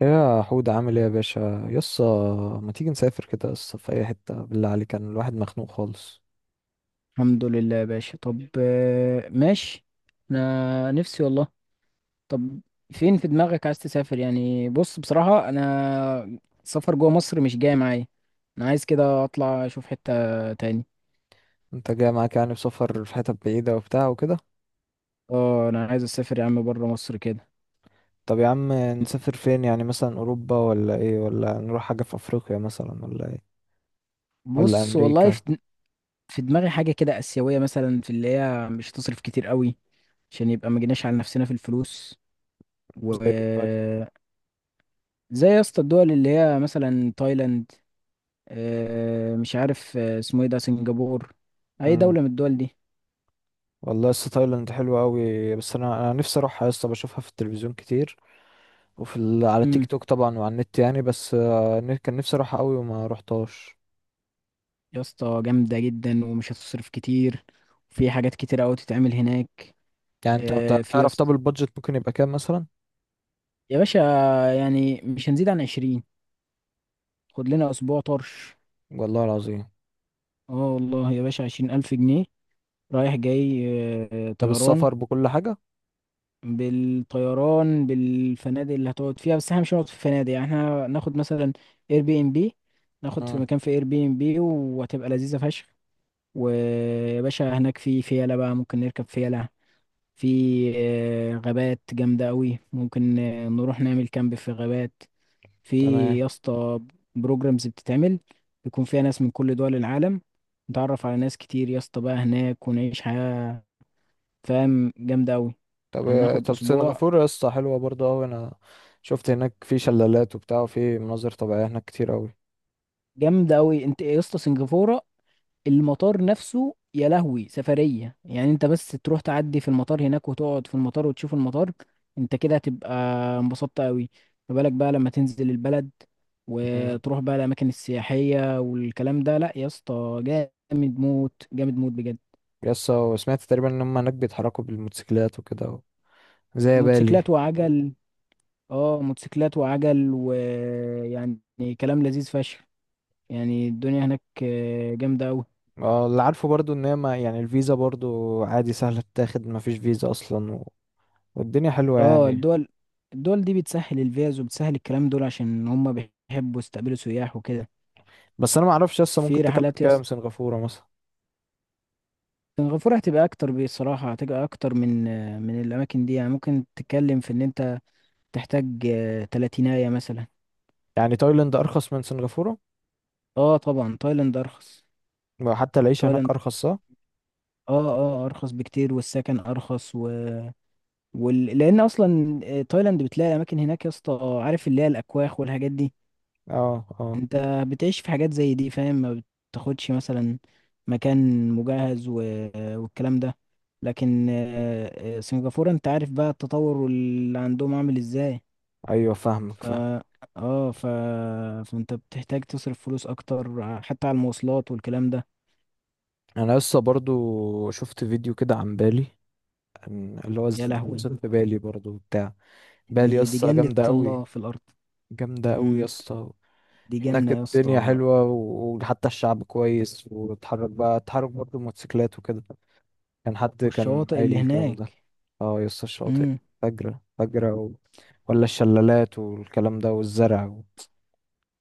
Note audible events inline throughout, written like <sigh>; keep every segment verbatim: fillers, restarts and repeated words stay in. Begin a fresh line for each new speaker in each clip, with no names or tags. يا حود، عامل ايه يا باشا يسا؟ ما تيجي نسافر كده يسا في اي حتة، بالله عليك كان الواحد مخنوق خالص.
الحمد لله يا باشا، طب آه، ماشي. انا نفسي والله. طب فين في دماغك عايز تسافر؟ يعني بص، بصراحة انا سفر جوه مصر مش جاي معايا. انا عايز كده اطلع اشوف حتة تاني.
انت جاي معاك يعني، بسفر في حتت بعيدة وبتاع وكده؟
اه انا عايز اسافر يا عم بره مصر كده.
طب يا عم، نسافر فين يعني؟ مثلا اوروبا ولا ايه، ولا نروح حاجة في افريقيا مثلا ولا ايه، ولا
بص والله
امريكا؟
في دم- في دماغي حاجة كده آسيوية مثلا، في اللي هي مش هتصرف كتير قوي، عشان يبقى ما جيناش على نفسنا في الفلوس. و
زي ايه طيب؟
زي يا اسطى الدول اللي هي مثلا تايلاند. آه، مش عارف آه، اسمه ايه ده، سنغافور. اي
امم.
دولة من الدول دي.
والله يسا، تايلاند حلوة قوي. بس انا انا نفسي اروحها يسا، بشوفها في التلفزيون كتير. وفي ال... على تيك
امم.
توك طبعا وعلى النت يعني. بس آه، كان نفسي اروحها قوي وما روحتهاش.
يا اسطى جامدة جدا ومش هتصرف كتير، وفي حاجات كتير قوي تتعمل هناك.
يعني انت أنت
آه، في يا
تعرف. طب
اسطى،
البادجت ممكن يبقى كام مثلا؟
يا باشا، يعني مش هنزيد عن عشرين. خد لنا اسبوع طرش.
والله العظيم.
اه والله يا باشا عشرين الف جنيه، رايح جاي. آه،
ده
طيران،
بالسفر بكل حاجة؟
بالطيران، بالفنادق اللي هتقعد فيها. بس احنا مش هنقعد في فنادق يعني، احنا ناخد مثلا اير بي ام بي. ناخد في
امم.
مكان في اير بي ام بي وهتبقى لذيذة فشخ. ويا باشا هناك في فيلة بقى، ممكن نركب فيلة. في آه، غابات جامدة أوي، ممكن آه، نروح نعمل كامب في غابات. في
تمام.
يا اسطى بروجرامز بتتعمل، بيكون فيها ناس من كل دول العالم. نتعرف على ناس كتير يا اسطى بقى هناك ونعيش حياة، فاهم، جامدة أوي.
طب
هناخد
طب
أسبوع.
سنغافورة يا اسطى حلوة برضه أوي. أنا شفت هناك في شلالات وبتاع، وفي مناظر طبيعية هناك كتير أوي.
جامدة أوي أنت يا اسطى، سنغافورة المطار نفسه يا لهوي سفرية. يعني انت بس تروح تعدي في المطار هناك، وتقعد في المطار وتشوف المطار، انت كده هتبقى انبسطت قوي. ما بالك بقى لما تنزل البلد
امم.
وتروح بقى الأماكن السياحية والكلام ده. لا يا اسطى، جامد موت جامد موت بجد.
يا اسطى، وسمعت تقريبا إن هما هناك بيتحركوا بالموتوسيكلات وكده، زي بالي.
موتوسيكلات وعجل، اه موتوسيكلات وعجل، ويعني كلام لذيذ فشخ. يعني الدنيا هناك آه، جامدة أوي.
اه، اللي عارفه برضه إن هي ما يعني الفيزا برضه عادي سهلة تتاخد، مفيش فيزا أصلا و... والدنيا حلوة
اه
يعني.
الدول، الدول دي بتسهل الفيز وبتسهل الكلام دول، عشان هم بيحبوا يستقبلوا سياح وكده.
بس أنا معرفش لسه،
في
ممكن تكلف
رحلات
كام
يس،
سنغافورة مثلا؟
سنغافورة هتبقى اكتر، بصراحة هتبقى اكتر من من الاماكن دي. يعني ممكن تتكلم في ان انت تحتاج آه، تلاتيناية مثلا.
يعني تايلاند أرخص من سنغافورة؟
اه طبعا تايلاند ارخص.
وحتى العيشة هناك
تايلاند
أرخص صح؟
اه اه ارخص بكتير، والسكن ارخص و... وال... لان اصلا آه، تايلاند بتلاقي اماكن هناك يا اسطى، آه، عارف اللي هي الاكواخ والحاجات دي.
اه، اه،
انت بتعيش في حاجات زي دي، فاهم؟ ما بتاخدش مثلا مكان مجهز و... والكلام ده. لكن آه، آه، سنغافورة انت عارف بقى التطور اللي عندهم عامل ازاي.
ايوه فاهمك
ف
فاهم.
اه ف... فانت بتحتاج تصرف فلوس اكتر ع- حتى على المواصلات والكلام ده.
انا لسه برضو شفت فيديو كده عن بالي. عن- اللي هو
يا
ازاي
لهوي،
وصلت بالي برضو بتاع.
دي
بالي
دي
يسطا
جنة
جامدة قوي،
الله في الارض.
جامدة قوي
امم،
يسطا.
دي
هناك
جنة يا اسطى.
الدنيا حلوة و- وحتى الشعب كويس، وتحرك بقى تحرك برضو موتوسيكلات وكده. كان حد كان
والشواطئ
قايل
اللي
الكلام ده.
هناك.
اه، يسطا الشاطئ
امم،
فجرة فجرة و... ولا الشلالات والكلام ده والزرع و...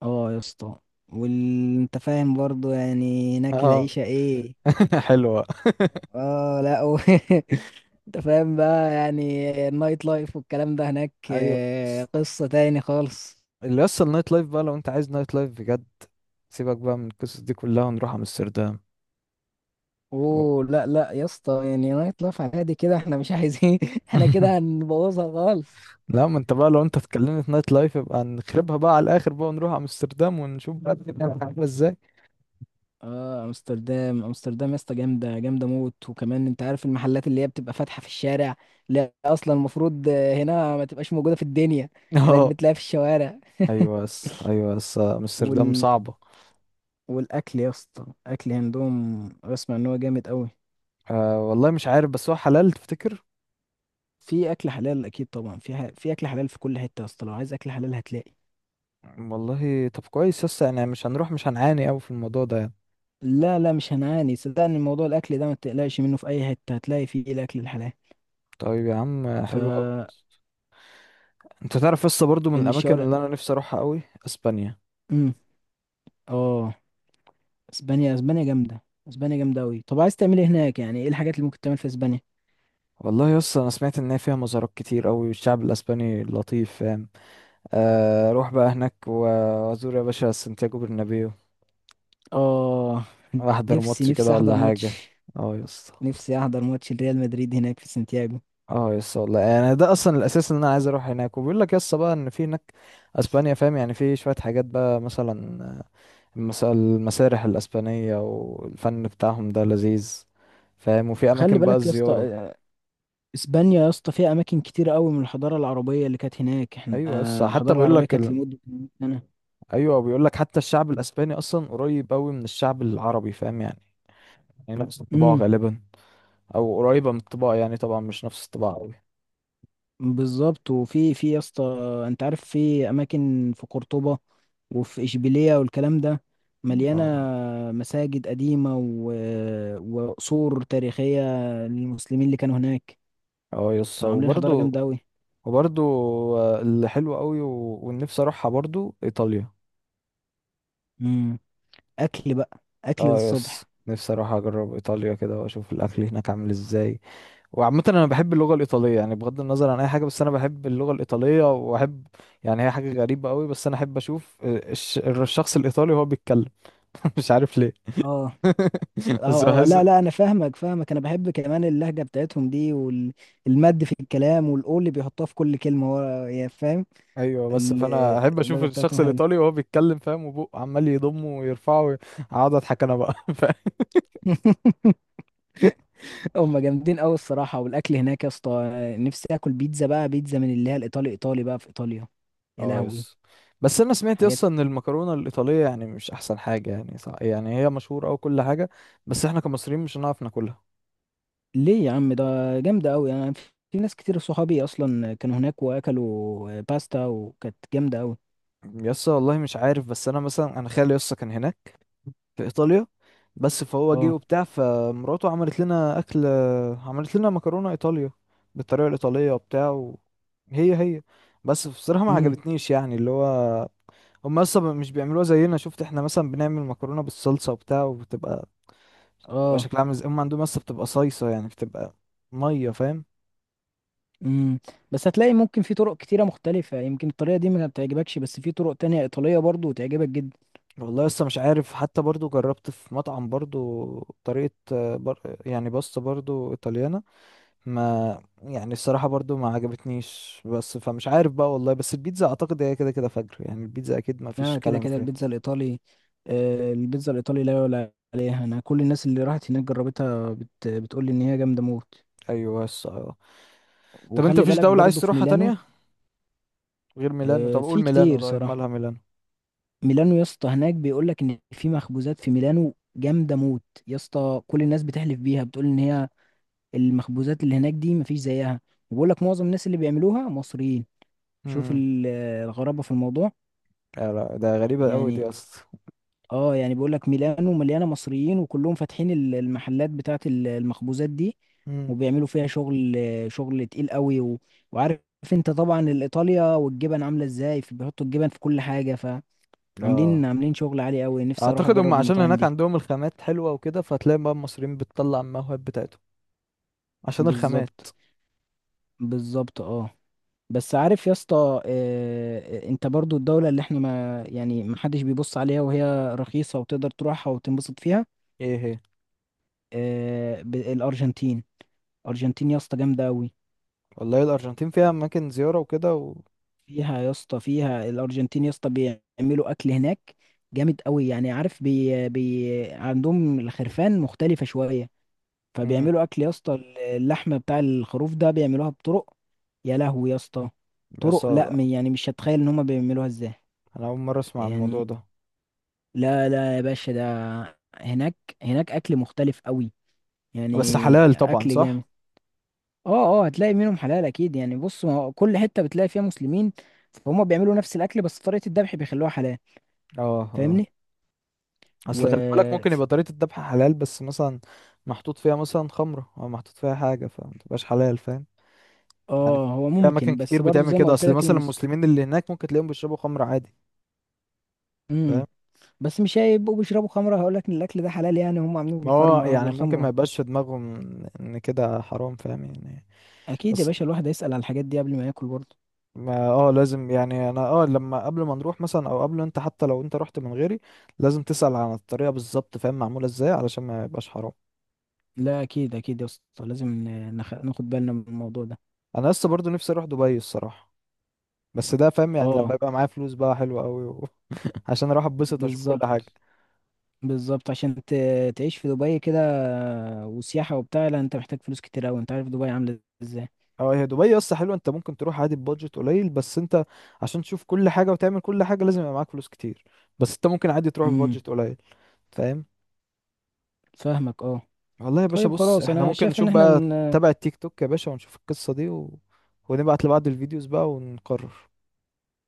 اه يا اسطى وانت فاهم برضو يعني هناك
اه.
العيشة ايه.
<laughs> حلوة.
اه لا و... <laughs> انت فاهم بقى يعني، النايت لايف والكلام ده هناك
ايوه،
آه، قصة تاني خالص.
اللي اصلا النايت لايف بقى، لو انت عايز نايت لايف بجد سيبك بقى من القصص دي كلها ونروح امستردام. و-
اوه لا لا يا اسطى، يعني نايت لايف عادي كده، احنا مش عايزين <laughs> احنا
<laughs>
كده هنبوظها خالص.
لا ما انت بقى، لو انت اتكلمت نايت لايف يبقى نخربها بقى على الاخر بقى، ونروح امستردام ونشوف بقى الدنيا هتبقى عامله ازاي.
اه، امستردام، امستردام يا اسطى جامده جامده موت. وكمان انت عارف المحلات اللي هي بتبقى فاتحه في الشارع. لا اصلا المفروض آه، هنا ما تبقاش موجوده في الدنيا،
<laughs>
هناك
اه،
بتلاقيها في الشوارع.
ايوه بس، ايوه بس امستردام
وال...
صعبه.
والاكل يا اسطى، الاكل عندهم بسمع ان هو جامد قوي.
أه، والله مش عارف، بس هو حلال تفتكر؟
في اكل حلال اكيد طبعا، في ح... في اكل حلال في كل حته يا اسطى، لو عايز اكل حلال هتلاقي.
والله طب كويس يس، يعني مش هنروح، مش هنعاني قوي في الموضوع ده يعني.
لا لا مش هنعاني، صدقني موضوع الاكل ده ما تقلقش منه، في اي حته هتلاقي فيه الاكل الحلال
طيب يا عم، حلو قوي.
فالشوارع.
انت تعرف يس، برضو من الاماكن اللي انا نفسي اروحها قوي اسبانيا.
امم، اه اسبانيا، اسبانيا جامده. اسبانيا جامده قوي. طب عايز تعمل ايه هناك؟ يعني ايه الحاجات اللي ممكن تعمل في اسبانيا؟
والله يا اسطى، انا سمعت ان هي فيها مزارات كتير قوي، والشعب الاسباني لطيف فاهم. آه، اروح بقى هناك و- وازور يا باشا سانتياغو برنابيو.
اه
احضر
نفسي
ماتش كده
نفسي احضر
ولا حاجه.
ماتش،
اه يا اسطى.
نفسي احضر ماتش ريال مدريد هناك في سانتياغو.
اه يا اسطى، والله يعني ده اصلا الاساس، ان انا عايز اروح هناك، وبيقول لك يا اسطى بقى ان في هناك اسبانيا فاهم. يعني في شويه حاجات بقى مثلا آه، المس- المسارح الاسبانيه والفن بتاعهم ده لذيذ فاهم. وفي
خلي
اماكن بقى
بالك يا اسطى،
الزياره.
اسبانيا يا اسطى فيها اماكن كتير قوي من الحضاره العربيه اللي كانت هناك. احنا
ايوه يا اسطى
آه،
حتى
الحضاره
بيقول
العربيه
لك،
كانت لمده مية سنه.
ايوه بيقول لك حتى الشعب الاسباني اصلا قريب قوي من الشعب العربي فاهم يعني. يعني نفس الطباع
امم،
غالبا، او قريبه من الطباع يعني، طبعا مش نفس الطباع قوي.
بالظبط. وفي في يا اسطى، انت عارف في اماكن في قرطبه وفي اشبيليه والكلام ده، مليانه
اه،
مساجد قديمه و... وقصور تاريخيه للمسلمين اللي كانوا هناك،
اه يس.
كانوا عاملين حضاره جامده
وبرضو
قوي.
وبرضو آه، اللي حلو قوي و... والنفسي اروحها برضو ايطاليا.
امم، اكل بقى، اكل
اه يس،
للصبح.
نفسي اروح اجرب ايطاليا كده واشوف الاكل هناك عامل ازاي. وعامه انا بحب اللغه الايطاليه، يعني بغض النظر عن اي حاجه، بس انا بحب اللغه الايطاليه واحب. يعني هي حاجه غريبه قوي، بس انا احب اشوف آه، الش... الشخص الايطالي وهو بيتكلم. <laughs> مش عارف ليه.
اه
<laughs> بس
اه اه
بحس.
لا لا انا فاهمك فاهمك، انا بحب كمان اللهجه بتاعتهم دي، والمد في الكلام، والاو اللي بيحطوها في كل كلمه ورا، يعني فاهم.
ايوه بس،
ال-
فانا احب اشوف
اللهجه
الشخص
بتاعتهم
الايطالي
حلوه.
وهو بيتكلم فاهم، وبقه عمال يضمه ويرفعه وي- اقعد اضحك انا بقى. <laughs> فاهم.
<laughs> هم جامدين قوي الصراحه. والاكل هناك يا اسطى، نفسي اكل بيتزا بقى، بيتزا من اللي هي الايطالي، ايطالي بقى في ايطاليا. يا
اه
لهوي،
يس. بس انا سمعت
حاجات،
اصلا ان المكرونه الايطاليه يعني مش احسن حاجه، يعني صح، يعني هي مشهوره او كل حاجه. بس احنا كمصريين مش هنعرف ناكلها.
ليه يا عم؟ ده جامده قوي. انا في في ناس كتير صحابي اصلا كانوا هناك واكلوا آه، باستا وكانت جامده قوي.
يسا والله مش عارف، بس انا مثلا انا خالي يسا كان هناك في ايطاليا. بس فهو جه
اه،
وبتاع، فمراته عملت لنا اكل. عملت لنا مكرونه ايطاليا بالطريقه الايطاليه وبتاع و... هي هي بس بصراحه ما
امم.
عجبتنيش، يعني اللي هو هم اصلا مش بيعملوها زينا. شفت، احنا مثلا بنعمل مكرونه بالصلصه وبتاع وبتبقى بتبقى
اه
شكلها عامل ازاي، هم عندهم اصلا بتبقى صيصه، يعني بتبقى ميه فاهم.
امم، بس هتلاقي ممكن في طرق كتيرة مختلفة، يمكن الطريقة دي ما تعجبكش، بس في طرق تانية إيطالية برضو تعجبك جدا.
والله لسه مش عارف، حتى برضو جربت في مطعم برضو طريقة آه، بر... يعني باستا برضو ايطاليانة. ما يعني الصراحة برضو ما عجبتنيش، بس فمش عارف بقى والله. بس البيتزا اعتقد هي كده كده فجر، يعني البيتزا اكيد ما فيش
لا كده
كلام
كده
فيها.
البيتزا الإيطالي، آه، البيتزا الإيطالي لا يعلى عليها. أنا كل الناس اللي راحت هناك جربتها، بت... بتقول لي إن هي جامدة موت.
ايوه بس اه. طب انت
وخلي
فيش
بالك
دولة عايز
برضو في
تروحها
ميلانو.
تانية غير ميلانو؟ طب
آه،
قول
في
ميلانو.
كتير
طيب
صراحة.
مالها ميلانو؟
ميلانو يا اسطى، هناك بيقول لك إن في مخبوزات في ميلانو جامدة موت يا اسطى. كل الناس بتحلف بيها، بتقول إن هي المخبوزات اللي هناك دي مفيش زيها. وبقول لك معظم الناس اللي بيعملوها مصريين. شوف
امم.
ال- الغرابة في الموضوع.
لا، لا، ده غريبة قوي
يعني،
دي اصلا.
اه يعني بيقول لك ميلانو مليانة مصريين، وكلهم فاتحين ال- المحلات بتاعة ال- المخبوزات دي،
امم.
وبيعملوا فيها شغل، شغل تقيل قوي و... وعارف انت طبعا الايطاليا والجبن عاملة ازاي، في بيحطوا الجبن في كل حاجة،
اه،
فعاملين عاملين شغل عالي قوي. نفسي اروح
اعتقد هم
اجرب
عشان
المطاعم
هناك
دي.
عندهم الخامات حلوة وكده، فتلاقي بقى المصريين بتطلع الموهب بتاعتهم عشان الخامات.
بالظبط، بالظبط اه. بس عارف يا اسطى آه، انت برضو الدولة اللي احنا، ما يعني ما حدش بيبص عليها، وهي رخيصة وتقدر تروحها وتنبسط فيها.
ايه هي؟
آه، ب- الارجنتين، الارجنتين يا اسطى جامده قوي.
والله الارجنتين فيها اماكن زيارة وكده و
فيها يا اسطى، فيها الارجنتين يا اسطى بيعملوا اكل هناك جامد قوي، يعني عارف بي بي عندهم الخرفان مختلفه شويه.
امم.
فبيعملوا اكل يا اسطى، اللحمه بتاع الخروف ده بيعملوها بطرق، يا لهوي يا اسطى،
بس
طرق لا
آه،
م- يعني مش هتخيل ان هم بيعملوها ازاي.
انا اول مرة اسمع عن الموضوع
يعني
ده.
لا لا يا باشا، ده هناك، هناك اكل مختلف قوي،
بس حلال
يعني
طبعا
اكل جامد.
صح؟
اه اه هتلاقي منهم حلال اكيد، يعني بص، ما هو كل حته بتلاقي فيها مسلمين، فهم بيعملوا نفس الاكل، بس طريقه الذبح بيخلوها حلال،
اه اه.
فاهمني.
اصل خلي بالك، ممكن
و
يبقى طريقة الذبح حلال بس مثلا محطوط فيها مثلا خمرة، او محطوط فيها حاجة، فما تبقاش حلال فاهم. يعني
اه هو
في اماكن
ممكن، بس
كتير
برضو
بتعمل
زي ما
كده،
قلت
اصل
لك
مثلا
المس
المسلمين اللي هناك ممكن تلاقيهم بيشربوا خمرة عادي. فاهم.
امم، بس مش هيبقوا بيشربوا خمره هقول لك ان الاكل ده حلال، يعني هم عاملينه
ما هو
بالخمره
يعني ممكن ما
بالخمره.
يبقاش في دماغهم ان كده حرام، فاهم يعني.
اكيد يا
بس
باشا، الواحد هيسال على الحاجات دي قبل ما ياكل برضو.
ما اه لازم يعني انا اه لما قبل ما نروح مثلا، او قبل انت، حتى لو انت رحت من غيري لازم تسأل عن الطريقة بالظبط فاهم، معمولة ازاي علشان ما يبقاش حرام.
لا اكيد اكيد يا اسطى، لازم ن- نخ... ناخد بالنا من الموضوع ده.
انا لسه برضو نفسي اروح دبي الصراحة. بس ده فاهم يعني،
اه
لما يبقى معايا فلوس بقى حلوة قوي و... <laughs> عشان اروح اتبسط واشوف كل حاجة.
بالظبط، بالظبط عشان ت... تعيش في دبي كده وسياحة وبتاع، لا انت محتاج فلوس كتير اوي، انت عارف دبي عاملة ازاي.
اه، هي دبي يا اسطى حلوة، انت ممكن تروح عادي ببادجت قليل. بس انت عشان تشوف كل حاجة وتعمل كل حاجة لازم يبقى معاك فلوس كتير. بس انت ممكن عادي تروح
امم،
ببادجت قليل فاهم.
فاهمك اه.
والله يا باشا
طيب
بص،
خلاص
احنا
انا
ممكن
شايف ان
نشوف
احنا
بقى،
ن...
نتابع التيك توك يا باشا ونشوف القصة دي و... ونبعت لبعض الفيديوز بقى ونقرر.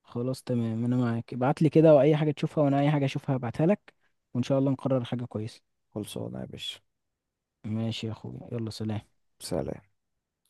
خلاص تمام، انا معاك. ابعت لي كده واي حاجة تشوفها، وانا اي حاجة اشوفها ابعتها لك، وان شاء الله نقرر حاجة كويسة.
خلصانة يا باشا.
ماشي يا اخويا، يلا سلام.
سلام.